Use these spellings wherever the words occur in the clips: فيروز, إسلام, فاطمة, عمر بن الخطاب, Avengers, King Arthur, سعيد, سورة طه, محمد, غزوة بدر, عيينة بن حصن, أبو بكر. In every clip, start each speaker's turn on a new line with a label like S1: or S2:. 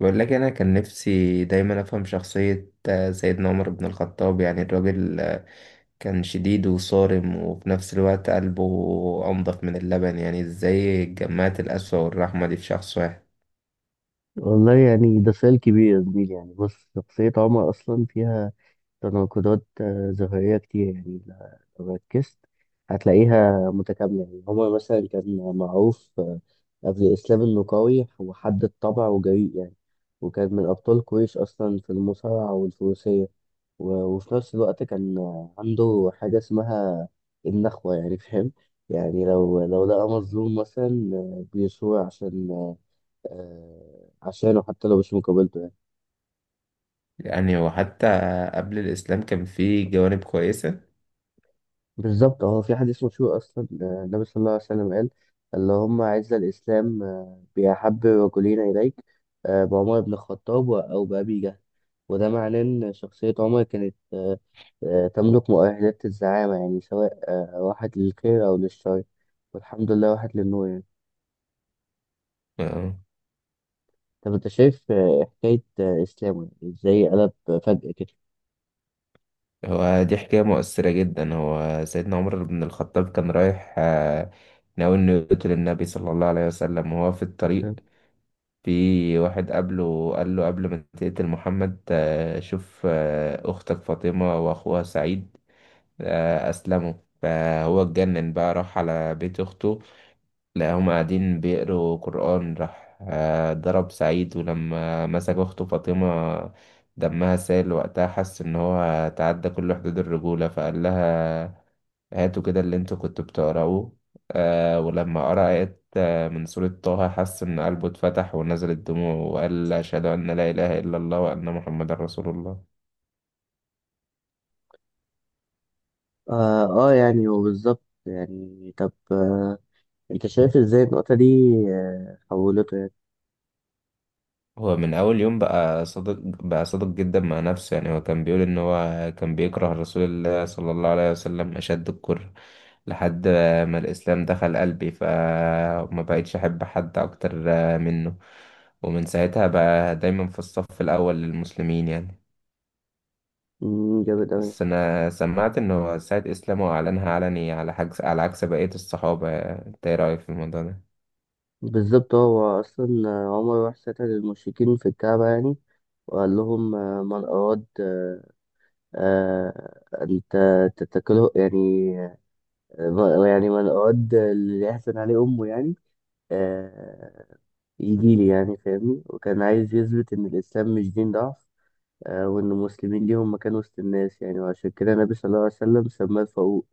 S1: بقول لك انا كان نفسي دايما افهم شخصية سيدنا عمر بن الخطاب، يعني الراجل كان شديد وصارم وفي نفس الوقت قلبه انضف من اللبن. يعني ازاي جمعت القسوة والرحمة دي في شخص واحد؟
S2: والله يعني ده سؤال كبير يا زميلي، يعني بص، شخصية عمر أصلا فيها تناقضات ظاهرية كتير. يعني لو ركزت هتلاقيها متكاملة. يعني عمر مثلا كان معروف قبل الإسلام إنه قوي وحد الطبع وجريء، يعني وكان من أبطال قريش أصلا في المصارعة والفروسية. وفي نفس الوقت كان عنده حاجة اسمها النخوة، يعني فاهم؟ يعني لو لقى مظلوم مثلا بيصور عشانه، حتى لو مش مقابلته يعني.
S1: يعني وحتى قبل الاسلام كان فيه جوانب كويسة.
S2: بالظبط. هو في حديث مشهور اصلا، النبي صلى الله عليه وسلم قال: اللهم اعز الاسلام باحب رجلين اليك، بعمر بن الخطاب او بابي جهل. وده معناه ان شخصيه عمر كانت تملك مؤهلات الزعامه، يعني سواء راحت للخير او للشر، والحمد لله راحت للنور يعني.
S1: آه.
S2: طب انت شايف حكايه اسلامه، يعني ازاي قلب فجاه كده؟
S1: هو دي حكاية مؤثرة جدا. هو سيدنا عمر بن الخطاب كان رايح، ناوي انه يقتل النبي صلى الله عليه وسلم، وهو في الطريق
S2: فاهم؟
S1: في واحد قبله قال له قبل ما تقتل محمد شوف أختك فاطمة وأخوها سعيد أسلموا. فهو اتجنن بقى، راح على بيت أخته، لقاهم قاعدين بيقروا قرآن، راح ضرب سعيد، ولما مسك أخته فاطمة دمها سال، وقتها حس إن هو تعدى كل حدود الرجولة، فقال لها هاتوا كده اللي انتوا كنتوا بتقرأوه. آه ولما قرأ آيات من سورة طه، حس إن قلبه اتفتح، ونزلت دموعه، وقال أشهد أن لا إله إلا الله وأن محمد رسول الله.
S2: اه، يعني هو بالظبط. يعني طب انت شايف ازاي النقطة دي حولته يعني؟
S1: هو من أول يوم بقى صادق، بقى صادق جدا مع نفسه. يعني هو كان بيقول إن هو كان بيكره رسول الله صلى الله عليه وسلم أشد الكره، لحد ما الإسلام دخل قلبي فما بقيتش أحب حد أكتر منه. ومن ساعتها بقى دايما في الصف الأول للمسلمين يعني.
S2: مم، جامد اوي.
S1: بس أنا سمعت إنه السيد إسلام هو أعلنها علني على حجز على عكس بقية الصحابة، أنت إيه رأيك في الموضوع ده؟
S2: بالظبط. هو اصلا عمر راح سأل المشركين في الكعبة، يعني وقال لهم: من أراد آه، أن تتكله يعني، يعني من أراد اللي يحسن عليه أمه، يعني آه، يجيلي، يعني فاهمني. وكان عايز يثبت إن الإسلام مش دين ضعف، وإن المسلمين ليهم مكان وسط الناس يعني، وعشان كده النبي صلى الله عليه وسلم سماه الفاروق،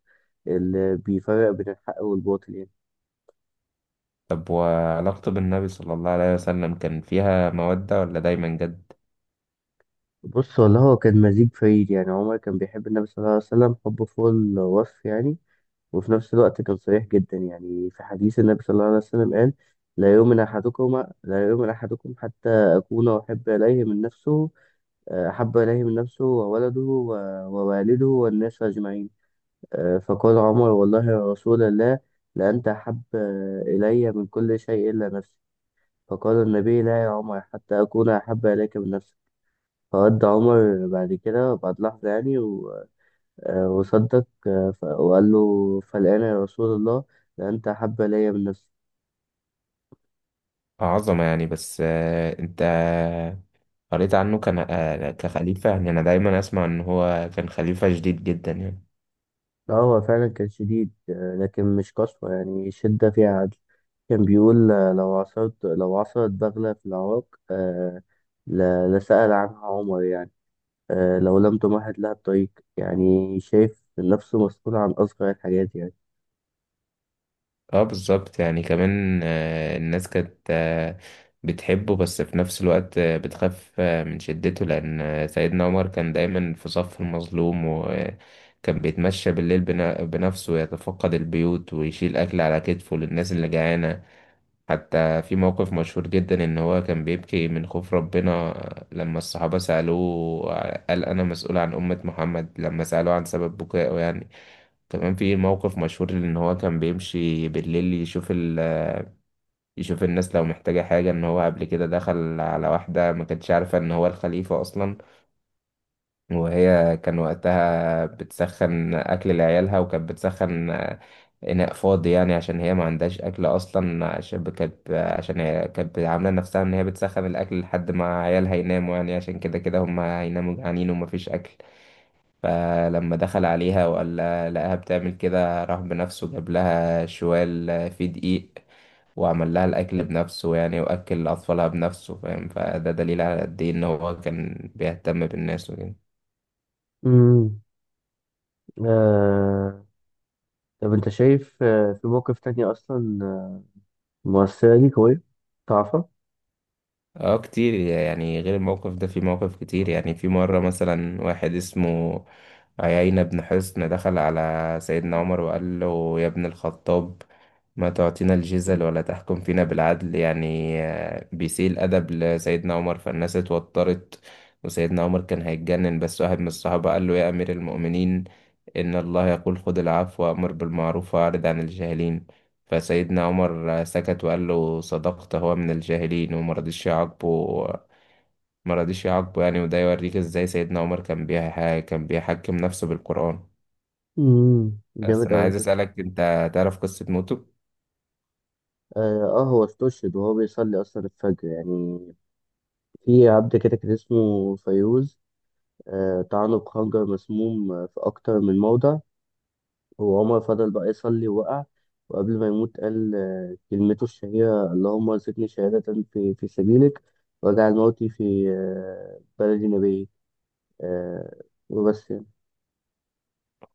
S2: اللي بيفرق بين الحق والباطل يعني.
S1: طب وعلاقته بالنبي صلى الله عليه وسلم كان فيها مودة ولا دايما جد؟
S2: بص والله، هو كان مزيج فريد. يعني عمر كان بيحب النبي صلى الله عليه وسلم حب فوق الوصف يعني، وفي نفس الوقت كان صريح جدا. يعني في حديث، النبي صلى الله عليه وسلم قال: لا يؤمن أحدكم لا يؤمن أحدكم حتى أكون أحب إليه من نفسه، أحب إليه من نفسه وولده ووالده والناس أجمعين. فقال عمر: والله يا رسول الله، لأنت أحب إلي من كل شيء إلا نفسي. فقال النبي: لا يا عمر حتى أكون أحب إليك من نفسي. فودى عمر بعد كده بعد لحظة، يعني وصدق، وقال له: فالآن يا رسول الله، ده أنت أحب إلي من نفسي.
S1: عظمة يعني. بس أنت قريت عنه كان كخليفة؟ يعني أنا دايما أسمع إن هو كان خليفة شديد جدا يعني.
S2: لا، هو فعلا كان شديد، لكن مش قسوة، يعني شدة فيها عدل. كان بيقول: لو عثرت بغلة في العراق آه، لسأل عنها عمر، يعني لو لم تمهد لها الطريق. يعني شايف نفسه مسؤول عن أصغر الحاجات يعني.
S1: اه بالظبط. يعني كمان الناس كانت بتحبه، بس في نفس الوقت بتخاف من شدته، لأن سيدنا عمر كان دايما في صف المظلوم، وكان بيتمشى بالليل بنفسه يتفقد البيوت، ويشيل أكل على كتفه للناس اللي جعانة. حتى في موقف مشهور جدا إن هو كان بيبكي من خوف ربنا لما الصحابة سألوه قال أنا مسؤول عن أمة محمد، لما سألوه عن سبب بكائه يعني. تمام في موقف مشهور ان هو كان بيمشي بالليل يشوف الناس لو محتاجة حاجة. ان هو قبل كده دخل على واحدة ما كانتش عارفة ان هو الخليفة اصلا، وهي كان وقتها بتسخن اكل لعيالها، وكانت بتسخن اناء فاضي، يعني عشان هي ما عندهاش اكل اصلا، عشان كانت عشان هي كانت عاملة نفسها ان هي بتسخن الاكل لحد ما عيالها يناموا، يعني عشان كده كده هم هيناموا جعانين ومفيش اكل. فلما دخل عليها لقاها بتعمل كده، راح بنفسه جاب لها شوال فيه دقيق، وعمل لها الأكل بنفسه، يعني وأكل أطفالها بنفسه، فاهم؟ فده دليل على قد إيه إن هو كان بيهتم بالناس وكده.
S2: امم آه... طب انت شايف في موقف تاني اصلا مؤثرة ليك أوي تعرفها؟
S1: اه كتير يعني، غير الموقف ده في مواقف كتير. يعني في مرة مثلا واحد اسمه عيينة بن حصن دخل على سيدنا عمر وقال له يا ابن الخطاب، ما تعطينا الجزل ولا تحكم فينا بالعدل، يعني بيسيء الأدب لسيدنا عمر، فالناس اتوترت، وسيدنا عمر كان هيتجنن، بس واحد من الصحابة قال له يا أمير المؤمنين، إن الله يقول خذ العفو وأمر بالمعروف وأعرض عن الجاهلين، فسيدنا عمر سكت وقال له صدقت، هو من الجاهلين، وما رضيش يعاقبه. ما رضيش يعاقبه يعني، وده يوريك إزاي سيدنا عمر كان بيحكم نفسه بالقرآن.
S2: امم،
S1: بس
S2: جامد
S1: أنا
S2: أوي
S1: عايز
S2: بجد.
S1: أسألك، أنت تعرف قصة موته؟
S2: آه، هو استشهد وهو بيصلي أصلا الفجر، يعني في عبد كده كان اسمه فيروز، طعنه بخنجر مسموم في أكتر من موضع. وعمر فضل بقى يصلي ووقع، وقبل ما يموت قال كلمته الشهيرة: اللهم ارزقني شهادة في سبيلك، واجعل موتي في بلدي نبيك. آه وبس يعني.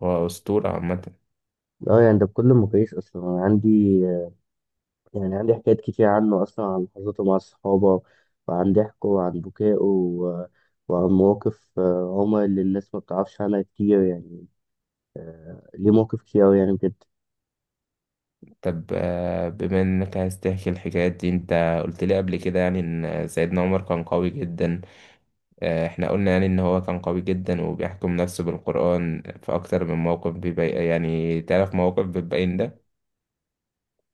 S1: هو أسطورة عامة.
S2: اه يعني ده بكل مقاييس، أصلا أنا عندي، يعني عندي حكايات كتير عنه أصلا، عن لحظاته مع الصحابة وعن ضحكه وعن بكائه وعن مواقف هما اللي الناس ما بتعرفش عنها كتير يعني. ليه مواقف كتير أوي يعني بجد.
S1: طب بما إنك عايز تحكي الحكايات دي، أنت قلت لي قبل كده يعني إن سيدنا عمر كان قوي جدا، احنا قلنا يعني ان هو كان قوي جدا وبيحكم نفسه بالقرآن. في اكتر من موقف بيبين يعني، تعرف موقف بتبين ده؟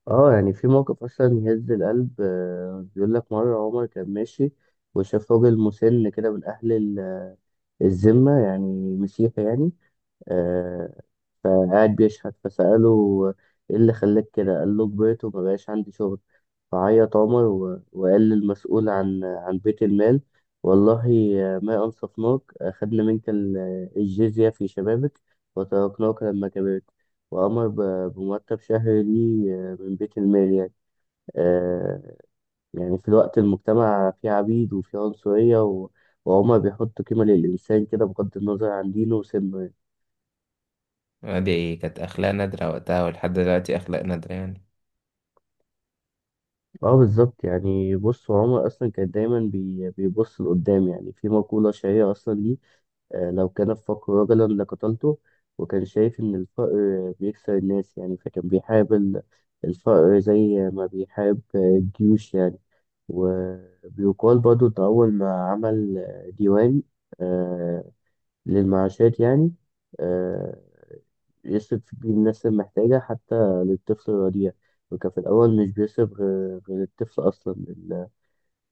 S2: اه يعني في موقف أصلا يهز القلب. بيقول لك مرة عمر كان ماشي وشاف راجل مسن كده من أهل الذمة، يعني مسيحي يعني. آه، فقاعد بيشحت، فسأله: إيه اللي خلاك كده؟ قال له: كبرت ومبقاش عندي شغل. فعيط عمر وقال للمسؤول عن بيت المال: والله ما أنصفناك، أخذنا منك الجزية في شبابك وتركناك لما كبرت. وأمر بمرتب شهري ليه من بيت المال، يعني آه، يعني في الوقت المجتمع فيه عبيد وفيه عنصرية، وعمر بيحط قيمة للإنسان كده بغض النظر عن دينه وسنه يعني.
S1: دي كانت اخلاق نادرة وقتها، ولحد دلوقتي اخلاق نادرة يعني.
S2: اه بالظبط. يعني بص، عمر أصلا كان دايما بيبص لقدام. يعني في مقولة شهيرة أصلا ليه: لو كان الفقر رجلا لقتلته. وكان شايف إن الفقر بيكسر الناس، يعني فكان بيحارب الفقر زي ما بيحارب الجيوش يعني. وبيقال برضه إن أول ما عمل ديوان آه، للمعاشات، يعني آه، يصرف بيه الناس المحتاجة، حتى للطفل الرضيع. وكان في الأول مش بيصرف غير الطفل أصلا ال-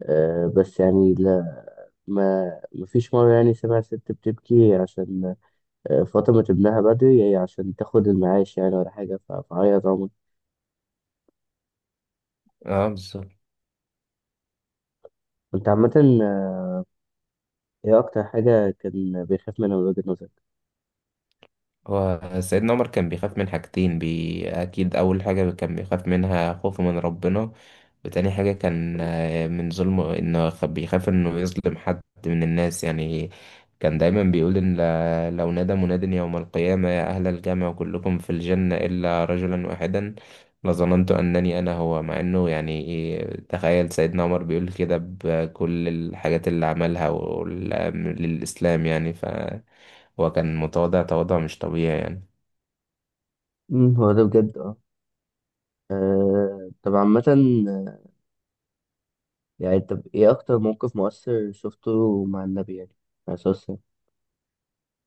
S2: آه، بس يعني لا، ما مفيش مرة، يعني سمع ست بتبكي عشان فاطمة ابنها بدري، هي عشان تاخد المعاش يعني ولا حاجة. فهي ضامن
S1: اه بالظبط.
S2: كنت عامة. آه، ايه أكتر حاجة كان بيخاف منها من وجهة نظرك؟
S1: هو سيدنا عمر كان بيخاف من حاجتين، أكيد أول حاجة كان بيخاف منها خوفه من ربنا، وتاني حاجة كان من ظلمه، إنه بيخاف إنه يظلم حد من الناس يعني. كان دايما بيقول إن لو نادى مناد يوم القيامة يا أهل الجامع كلكم في الجنة إلا رجلا واحدا، لظننت أنني أنا هو. مع إنه يعني تخيل سيدنا عمر بيقول كده، بكل الحاجات اللي عملها للإسلام يعني. ف هو كان متواضع تواضع مش طبيعي يعني.
S2: أمم، هو ده بجد. اه. طب عامة، آه، يعني طب ايه أكتر موقف مؤثر شفته مع النبي يعني؟ عليه الصلاة والسلام.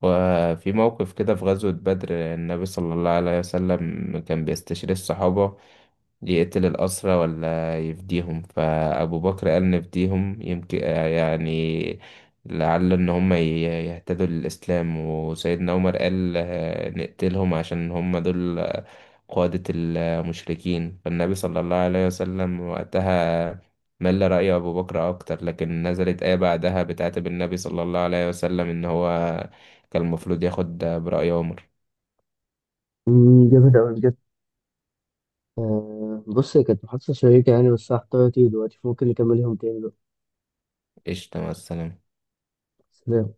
S1: وفي موقف كده في غزوة بدر، النبي صلى الله عليه وسلم كان بيستشير الصحابة يقتل الأسرى ولا يفديهم، فأبو بكر قال نفديهم، يمكن يعني لعل إن هم يهتدوا للإسلام، وسيدنا عمر قال نقتلهم عشان هم دول قادة المشركين. فالنبي صلى الله عليه وسلم وقتها مل رأي أبو بكر أكتر، لكن نزلت آية بعدها بتعاتب النبي صلى الله عليه وسلم إن هو كان المفروض ياخد برأي عمر.
S2: أمم، جامد أوي بجد. بص، هي كانت محادثة شيقة يعني، بس هحتار دلوقتي، فممكن نكمل يوم تاني بقى.
S1: قشطة، مع السلامة.
S2: سلام.